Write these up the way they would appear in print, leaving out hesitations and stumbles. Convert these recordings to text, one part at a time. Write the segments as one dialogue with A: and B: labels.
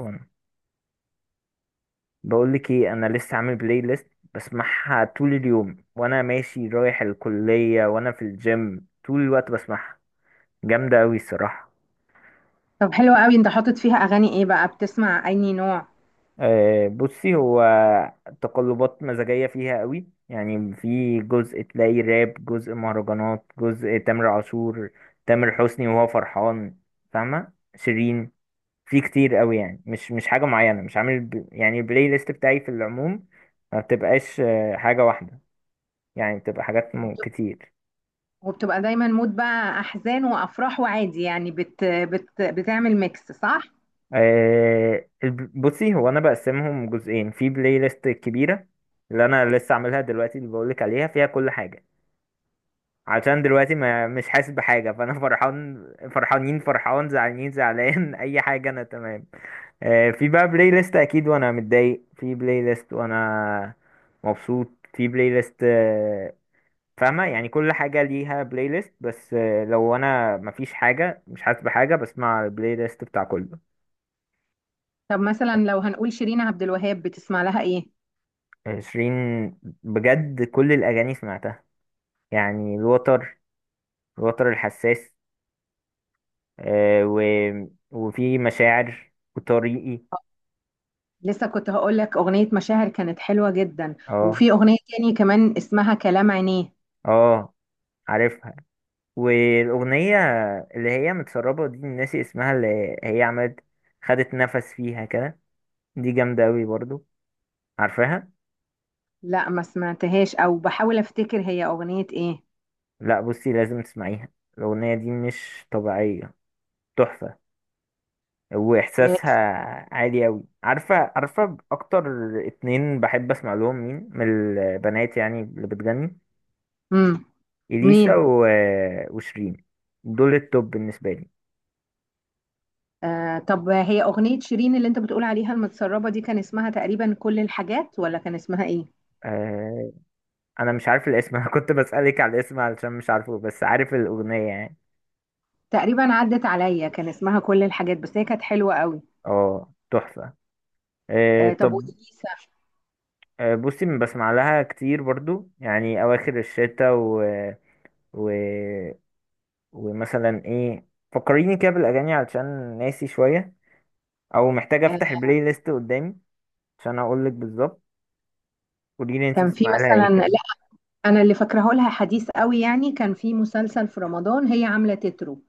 A: أم. بقول لك ايه، انا لسه عامل بلاي ليست بسمعها طول اليوم وانا ماشي رايح الكلية وانا في الجيم طول الوقت بسمعها. جامدة قوي الصراحة.
B: طب، حلو قوي، انت حاطط فيها اغاني ايه بقى؟ بتسمع اي نوع؟
A: بصي، هو تقلبات مزاجية فيها قوي، يعني في جزء تلاقي راب، جزء مهرجانات، جزء تامر عاشور، تامر حسني وهو فرحان، فاهمة؟ شيرين في كتير قوي، يعني مش حاجة معينة، مش يعني البلاي ليست بتاعي في العموم ما بتبقاش حاجة واحدة. يعني بتبقى حاجات
B: وبت-
A: كتير.
B: وبتبقى دايما مود بقى احزان وافراح وعادي، يعني بت بت بتعمل ميكس صح؟
A: بصي، هو انا بقسمهم جزئين، في بلاي ليست كبيره اللي انا لسه عاملها دلوقتي اللي بقولك عليها فيها كل حاجه، عشان دلوقتي ما مش حاسس بحاجه، فانا فرحان فرحانين، فرحان زعلانين زعلان، اي حاجه انا تمام. في بقى بلاي ليست اكيد وانا متضايق، في بلاي ليست وانا مبسوط، في بلاي ليست فاهمه؟ يعني كل حاجه ليها بلاي ليست، بس لو انا مفيش حاجه، مش حاسس بحاجه، بسمع البلاي ليست بتاع كله.
B: طب مثلا لو هنقول شيرين عبد الوهاب، بتسمع لها ايه؟
A: شيرين، بجد كل الأغاني سمعتها، يعني الوتر الحساس، آه و... وفي مشاعر وطريقي.
B: لسه كنت هقول لك اغنية مشاعر كانت حلوة جدا،
A: اه،
B: وفي اغنية تاني كمان اسمها كلام عينيه.
A: اه، عارفها. والأغنية اللي هي متسربة دي ناسي اسمها، اللي هي عملت، خدت نفس فيها كده، دي جامدة أوي برضو. عارفاها؟
B: لا، ما سمعتهاش، او بحاول افتكر هي اغنية ايه.
A: لأ، بصي لازم تسمعيها. الأغنية دي مش طبيعية، تحفة،
B: لا.
A: واحساسها عالي اوي. عارفه؟ عارفه اكتر 2 بحب اسمع لهم، مين من البنات يعني اللي بتغني؟
B: امم. مين؟
A: اليسا وشيرين، دول التوب بالنسبه لي.
B: آه، طب هي أغنية شيرين اللي أنت بتقول عليها المتسربة دي كان اسمها تقريبا كل الحاجات، ولا كان اسمها إيه؟
A: أه... انا مش عارف الاسم. انا كنت بسالك على الاسم علشان مش عارفه، بس عارف الاغنيه يعني.
B: تقريبا عدت عليا، كان اسمها كل الحاجات، بس هي كانت حلوة قوي.
A: اه تحفه.
B: آه، طب
A: طب.
B: وإليسا؟
A: بصي، بسمع لها كتير برضو، يعني اواخر الشتاء و... ومثلا ايه؟ فكريني كده بالاغاني علشان ناسي شويه، او محتاج
B: آه،
A: افتح البلاي ليست قدامي عشان اقول لك بالظبط. قولي لي انت
B: كان في
A: بتسمعي لها ايه
B: مثلا،
A: كده؟
B: لا. أنا اللي فاكراه لها حديث قوي، يعني كان في مسلسل في رمضان هي عاملة تترو.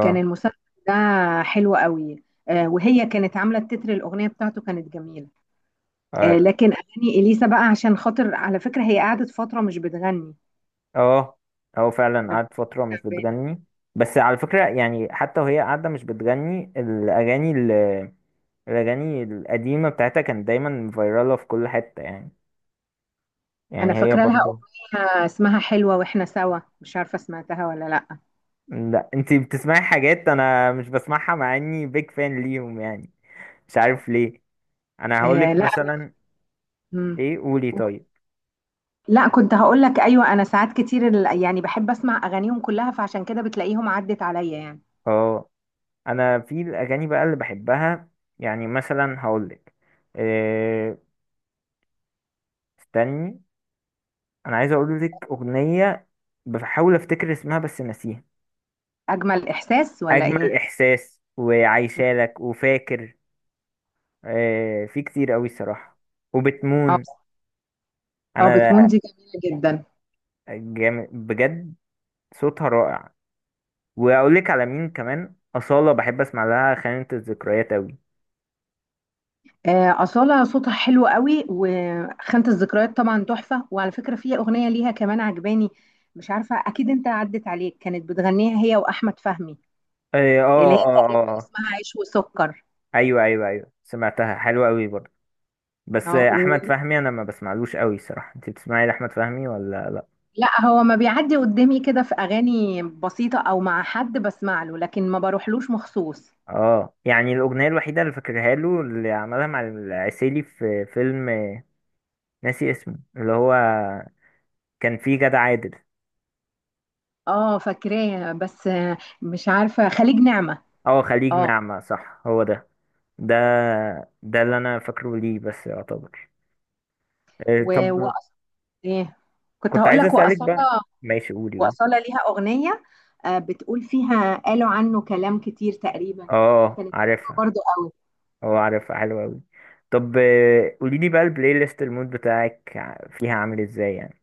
B: كان المسلسل ده حلو قوي، آه، وهي كانت عاملة التتر، الأغنية بتاعته كانت جميلة. آه،
A: اه،
B: لكن أغاني إليسا بقى، عشان خاطر على فكرة هي قعدت فترة مش بتغني
A: اه. هو فعلا
B: لما
A: قعدت
B: كانت
A: فتره مش
B: تعبانة.
A: بتغني، بس على فكره يعني حتى وهي قاعده مش بتغني، الاغاني الاغاني القديمه بتاعتها كانت دايما فايراله في كل حته يعني،
B: انا
A: يعني هي
B: فاكره لها
A: برضو.
B: اغنيه اسمها حلوه، واحنا سوا، مش عارفه سمعتها ولا لا.
A: لا انت بتسمعي حاجات انا مش بسمعها، مع اني بيج فان ليهم يعني، مش عارف ليه. انا هقول لك
B: آه. لا.
A: مثلا
B: مم.
A: ايه، قولي طيب.
B: لا، كنت هقول لك، ايوه، انا ساعات كتير يعني بحب اسمع اغانيهم كلها، فعشان كده بتلاقيهم عدت عليا يعني.
A: اه، انا في الاغاني بقى اللي بحبها، يعني مثلا هقولك إيه، استني، انا عايز اقولك اغنيه، بحاول افتكر اسمها بس ناسيها.
B: اجمل احساس ولا
A: اجمل
B: ايه؟
A: احساس،
B: مم.
A: وعايشالك، وفاكر إيه، في كتير قوي الصراحه،
B: اه،
A: وبتمون.
B: اه. بتمون
A: انا
B: دي جميله جدا.
A: جامد بجد، صوتها رائع. واقولك على مين كمان؟ اصاله، بحب اسمع لها خانه الذكريات قوي.
B: آه، اصاله صوتها حلو قوي، وخانة الذكريات طبعا تحفه، وعلى فكره في اغنيه ليها كمان عجباني. مش عارفه، اكيد انت عدت عليك، كانت بتغنيها هي واحمد فهمي،
A: إيه،
B: اللي هي
A: اه اه اه
B: تقريبا
A: آه.
B: اسمها عيش وسكر.
A: ايوه ايوه ايوه، سمعتها حلوه قوي برضه. بس
B: اه.
A: احمد فهمي انا ما بسمعلوش قوي صراحه، انت بتسمعي لاحمد فهمي ولا لا؟
B: لا، هو ما بيعدي قدامي كده، في اغاني بسيطه او مع حد بسمع له، لكن ما بروحلوش مخصوص.
A: اه، يعني الاغنيه الوحيده اللي فاكرها له اللي عملها مع العسيلي في فيلم ناسي اسمه، اللي هو كان فيه جدع عادل.
B: اه، فاكراه، بس آه، مش عارفه، خليج نعمه؟
A: اه خليج
B: اه.
A: نعمه، صح هو ده، ده ده اللي انا فاكره ليه بس، يعتبر.
B: و... و...
A: طب،
B: ايه، كنت
A: كنت
B: هقول
A: عايز
B: لك
A: اسالك بقى.
B: واصاله.
A: ماشي قولي، قولي.
B: واصاله ليها اغنيه، آه، بتقول فيها قالوا عنه كلام كتير تقريبا،
A: اه
B: كانت حلوه
A: عارفها،
B: برضو قوي.
A: اه عارفها حلوه قوي. طب قولي لي بقى، البلاي ليست المود بتاعك فيها عامل ازاي يعني؟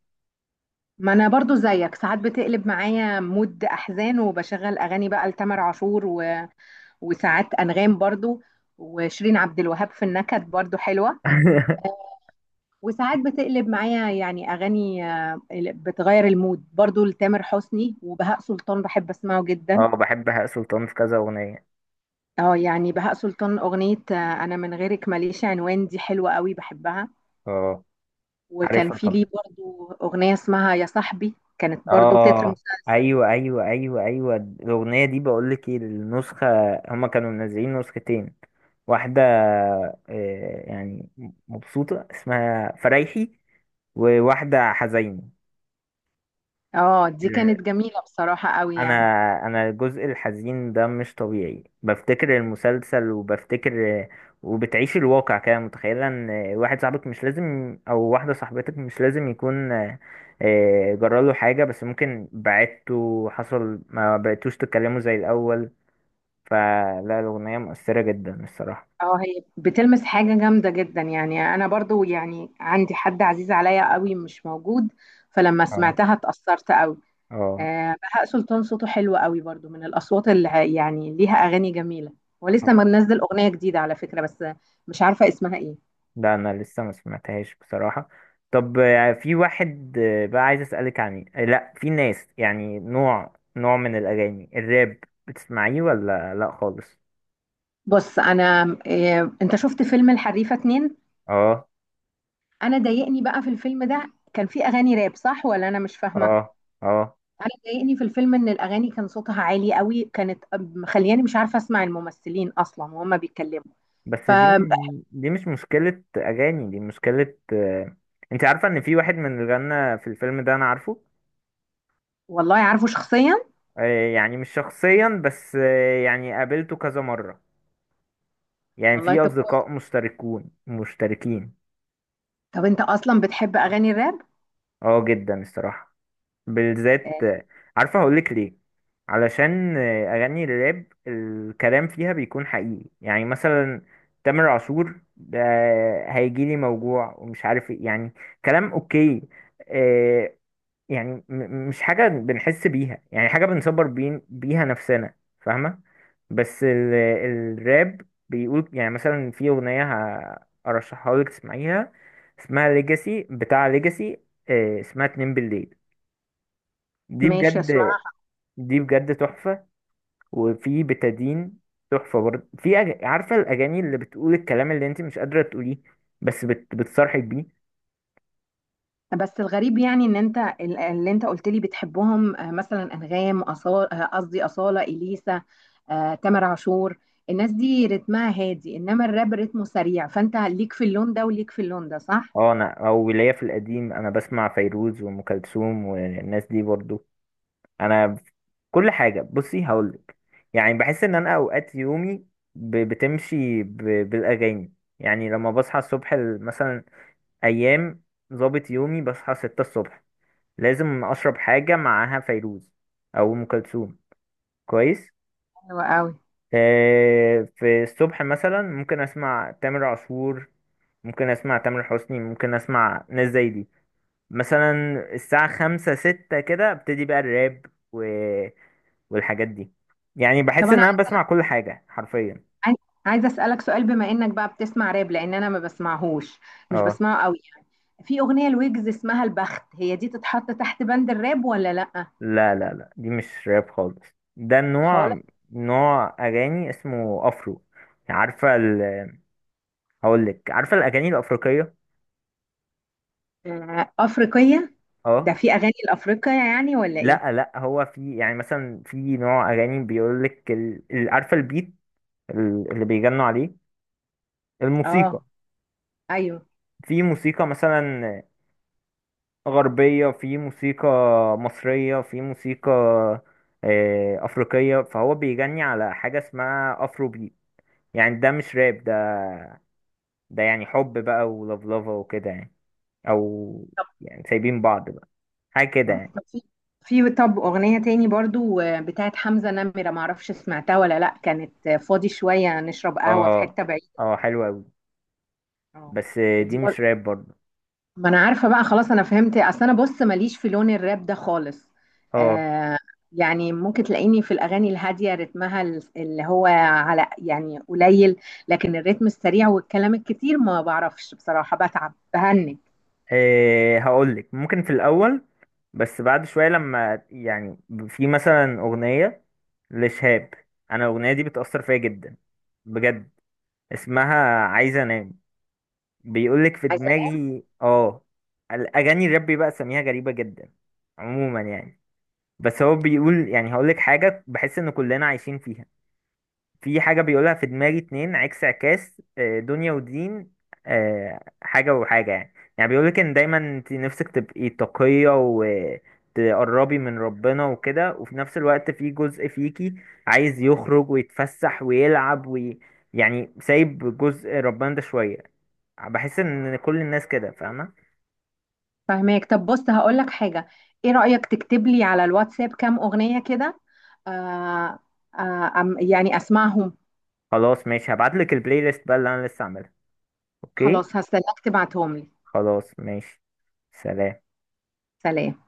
B: ما انا برضو زيك، ساعات بتقلب معايا مود احزان، وبشغل اغاني بقى لتامر عاشور، وساعات أنغام برضو، وشيرين عبد الوهاب في النكد برضو حلوة. وساعات بتقلب معايا يعني أغاني، آه، بتغير المود برضو لتامر حسني، وبهاء سلطان بحب أسمعه جدا.
A: اه، بحب بهاء سلطان في كذا اغنيه.
B: اه، يعني بهاء سلطان أغنية آه، أنا من غيرك ماليش عنوان، دي حلوة قوي بحبها.
A: اه
B: وكان
A: عارفها
B: في ليه
A: طبعا،
B: برضو أغنية اسمها يا صاحبي، كانت برضو تتر
A: اه،
B: مسلسل.
A: ايوه ايوه ايوه ايوه، الاغنيه دي بقول لك ايه، النسخه، هما كانوا منزلين نسختين، واحده يعني مبسوطه اسمها فرايحي، وواحده حزيني.
B: اه، دي كانت جميلة بصراحة قوي
A: انا
B: يعني.
A: انا الجزء الحزين ده مش طبيعي، بفتكر المسلسل وبفتكر، وبتعيش الواقع كده، متخيله ان واحد صاحبك مش لازم، او واحده صاحبتك مش لازم يكون جراله حاجه، بس ممكن بعدتوا، حصل ما بقيتوش تتكلموا زي الاول، فلا الاغنيه مؤثره جدا الصراحه.
B: اه، هي بتلمس حاجة جامدة جدا، يعني أنا برضو يعني عندي حد عزيز عليا قوي مش موجود، فلما
A: اه،
B: سمعتها اتأثرت قوي.
A: اه.
B: آه، بهاء سلطان صوته حلو قوي برضو، من الأصوات اللي يعني ليها أغاني جميلة.
A: طب
B: ولسه منزل أغنية جديدة على فكرة، بس مش عارفة اسمها ايه.
A: لا انا لسه ما سمعتهاش بصراحة. طب في واحد بقى عايز اسألك عن آه، لا في ناس يعني، نوع من الاغاني الراب، بتسمعيه ولا لا خالص؟
B: بص أنا، آه، أنت شفت فيلم الحريفة 2؟
A: اه،
B: أنا ضايقني بقى في الفيلم ده، كان فيه أغاني راب صح، ولا أنا مش فاهمة؟
A: اه، اه.
B: انا ضايقني في الفيلم ان الاغاني كان صوتها عالي قوي، كانت مخلياني مش عارفه اسمع الممثلين اصلا وهما بيتكلموا.
A: بس
B: ف
A: دي مش مشكلة اغاني، دي مشكلة انت عارفة ان في واحد من اللي غنى في الفيلم ده انا عارفه؟
B: والله، عارفه شخصيا.
A: يعني مش شخصيا، بس يعني قابلته كذا مرة، يعني
B: والله،
A: في
B: طب
A: اصدقاء
B: كويس.
A: مشتركين.
B: طب انت اصلا بتحب اغاني الراب؟
A: اه جدا الصراحة، بالذات.
B: آه،
A: عارفة هقولك ليه؟ علشان أغاني الراب الكلام فيها بيكون حقيقي، يعني مثلا تامر عاشور ده، هيجيلي موجوع ومش عارف ايه يعني، كلام اوكي، آه، يعني مش حاجة بنحس بيها، يعني حاجة بنصبر بين بيها نفسنا، فاهمة؟ بس الراب بيقول، يعني مثلا في أغنية أرشحها لك تسمعيها، اسمها ليجاسي، بتاع ليجاسي، اسمها 2 بالليل، دي
B: ماشي،
A: بجد
B: اسمع.
A: دي بجد تحفة. وفي بتادين، تحفة برضه. في عارفة الأغاني اللي بتقول الكلام اللي انت مش قادرة تقوليه، بس بتصرحك بيه.
B: بس الغريب يعني، ان انت اللي انت قلت لي بتحبهم، آه، مثلا انغام، أصالة، قصدي اصاله، اليسا، آه، تامر عاشور، الناس دي رتمها هادي، انما الراب رتمه سريع، فانت ليك في اللون ده وليك في اللون ده، صح؟
A: اه، انا او ليا في القديم، انا بسمع فيروز وام كلثوم والناس دي برضه. انا كل حاجة. بصي هقولك، يعني بحس ان انا اوقات يومي بتمشي بالاغاني. يعني لما بصحى الصبح، مثلا ايام ظابط يومي بصحى 6 الصبح، لازم اشرب حاجه معاها فيروز او ام كلثوم، كويس.
B: حلو قوي.
A: في الصبح مثلا ممكن اسمع تامر عاشور، ممكن اسمع تامر حسني، ممكن اسمع ناس زي دي مثلا. الساعه 5 6 كده، ابتدي بقى الراب و... والحاجات دي، يعني
B: طب
A: بحس
B: انا
A: ان انا بسمع كل حاجه حرفيا.
B: عايز- عايزه اسالك سؤال، بما انك بقى بتسمع راب، لان انا ما بسمعهوش، مش
A: اه.
B: بسمعه قوي يعني. في اغنيه لويجز اسمها البخت، هي دي تتحط تحت بند الراب ولا لا؟
A: لا لا لا، دي مش راب خالص، ده
B: خالص؟
A: النوع، نوع اغاني اسمه افرو، عارفه هقول لك، عارفه الاغاني الافريقيه؟
B: آه، افريقيه. ده
A: اه.
B: في اغاني الافريقيه يعني ولا ايه؟
A: لا لا، هو في يعني مثلا في نوع اغاني بيقول لك عارفه البيت اللي بيغنوا عليه، الموسيقى.
B: اه، ايوه.
A: في موسيقى مثلا غربيه، في موسيقى مصريه، في موسيقى افريقيه، فهو بيغني على حاجه اسمها افرو بيت، يعني ده مش راب، ده يعني حب بقى ولفلفه وكده يعني، او
B: طب،
A: يعني سايبين بعض بقى، حاجه كده
B: طب
A: يعني.
B: في في طب اغنيه تاني برضو، آه، بتاعت حمزه نمره، ما اعرفش سمعتها ولا لا، كانت آه، فاضي شويه نشرب قهوه في
A: اه،
B: حته بعيده.
A: اه حلوه قوي،
B: اه،
A: بس
B: دي،
A: دي مش راب برضه.
B: ما انا عارفه بقى، خلاص انا فهمت، اصل انا بص ماليش في لون الراب ده خالص.
A: اه،
B: آه، يعني ممكن تلاقيني في الاغاني الهاديه رتمها اللي هو على يعني قليل، لكن الريتم السريع والكلام الكتير ما بعرفش بصراحه، بتعب بهنج.
A: إيه هقول لك، ممكن في الاول بس بعد شويه لما يعني، في مثلا اغنيه لشهاب، انا الاغنيه دي بتاثر فيا جدا، بجد، اسمها عايزه انام، بيقول لك في
B: عايزه.
A: دماغي، اه الاغاني الراب بقى سميها غريبه جدا عموما يعني، بس هو بيقول يعني، هقول لك حاجه بحس ان كلنا عايشين فيها، في حاجة بيقولها، في دماغي 2 عكس، عكاس، دنيا ودين، حاجة وحاجة يعني، يعني بيقولك إن دايما انت نفسك تبقي تقية وتقربي من ربنا وكده، وفي نفس الوقت في جزء فيكي عايز يخرج ويتفسح ويلعب يعني سايب جزء ربنا ده شوية، بحس إن كل الناس كده، فاهمة؟
B: فاهماك، طب بص هقول لك حاجه، ايه رايك تكتب لي على الواتساب كام اغنيه كده؟ آه. آه، يعني اسمعهم.
A: خلاص ماشي، هبعتلك البلاي ليست بقى اللي أنا لسه عاملها. أوكي.
B: خلاص، هستناك تبعتهم لي.
A: خلاص ماشي، سلام.
B: سلام.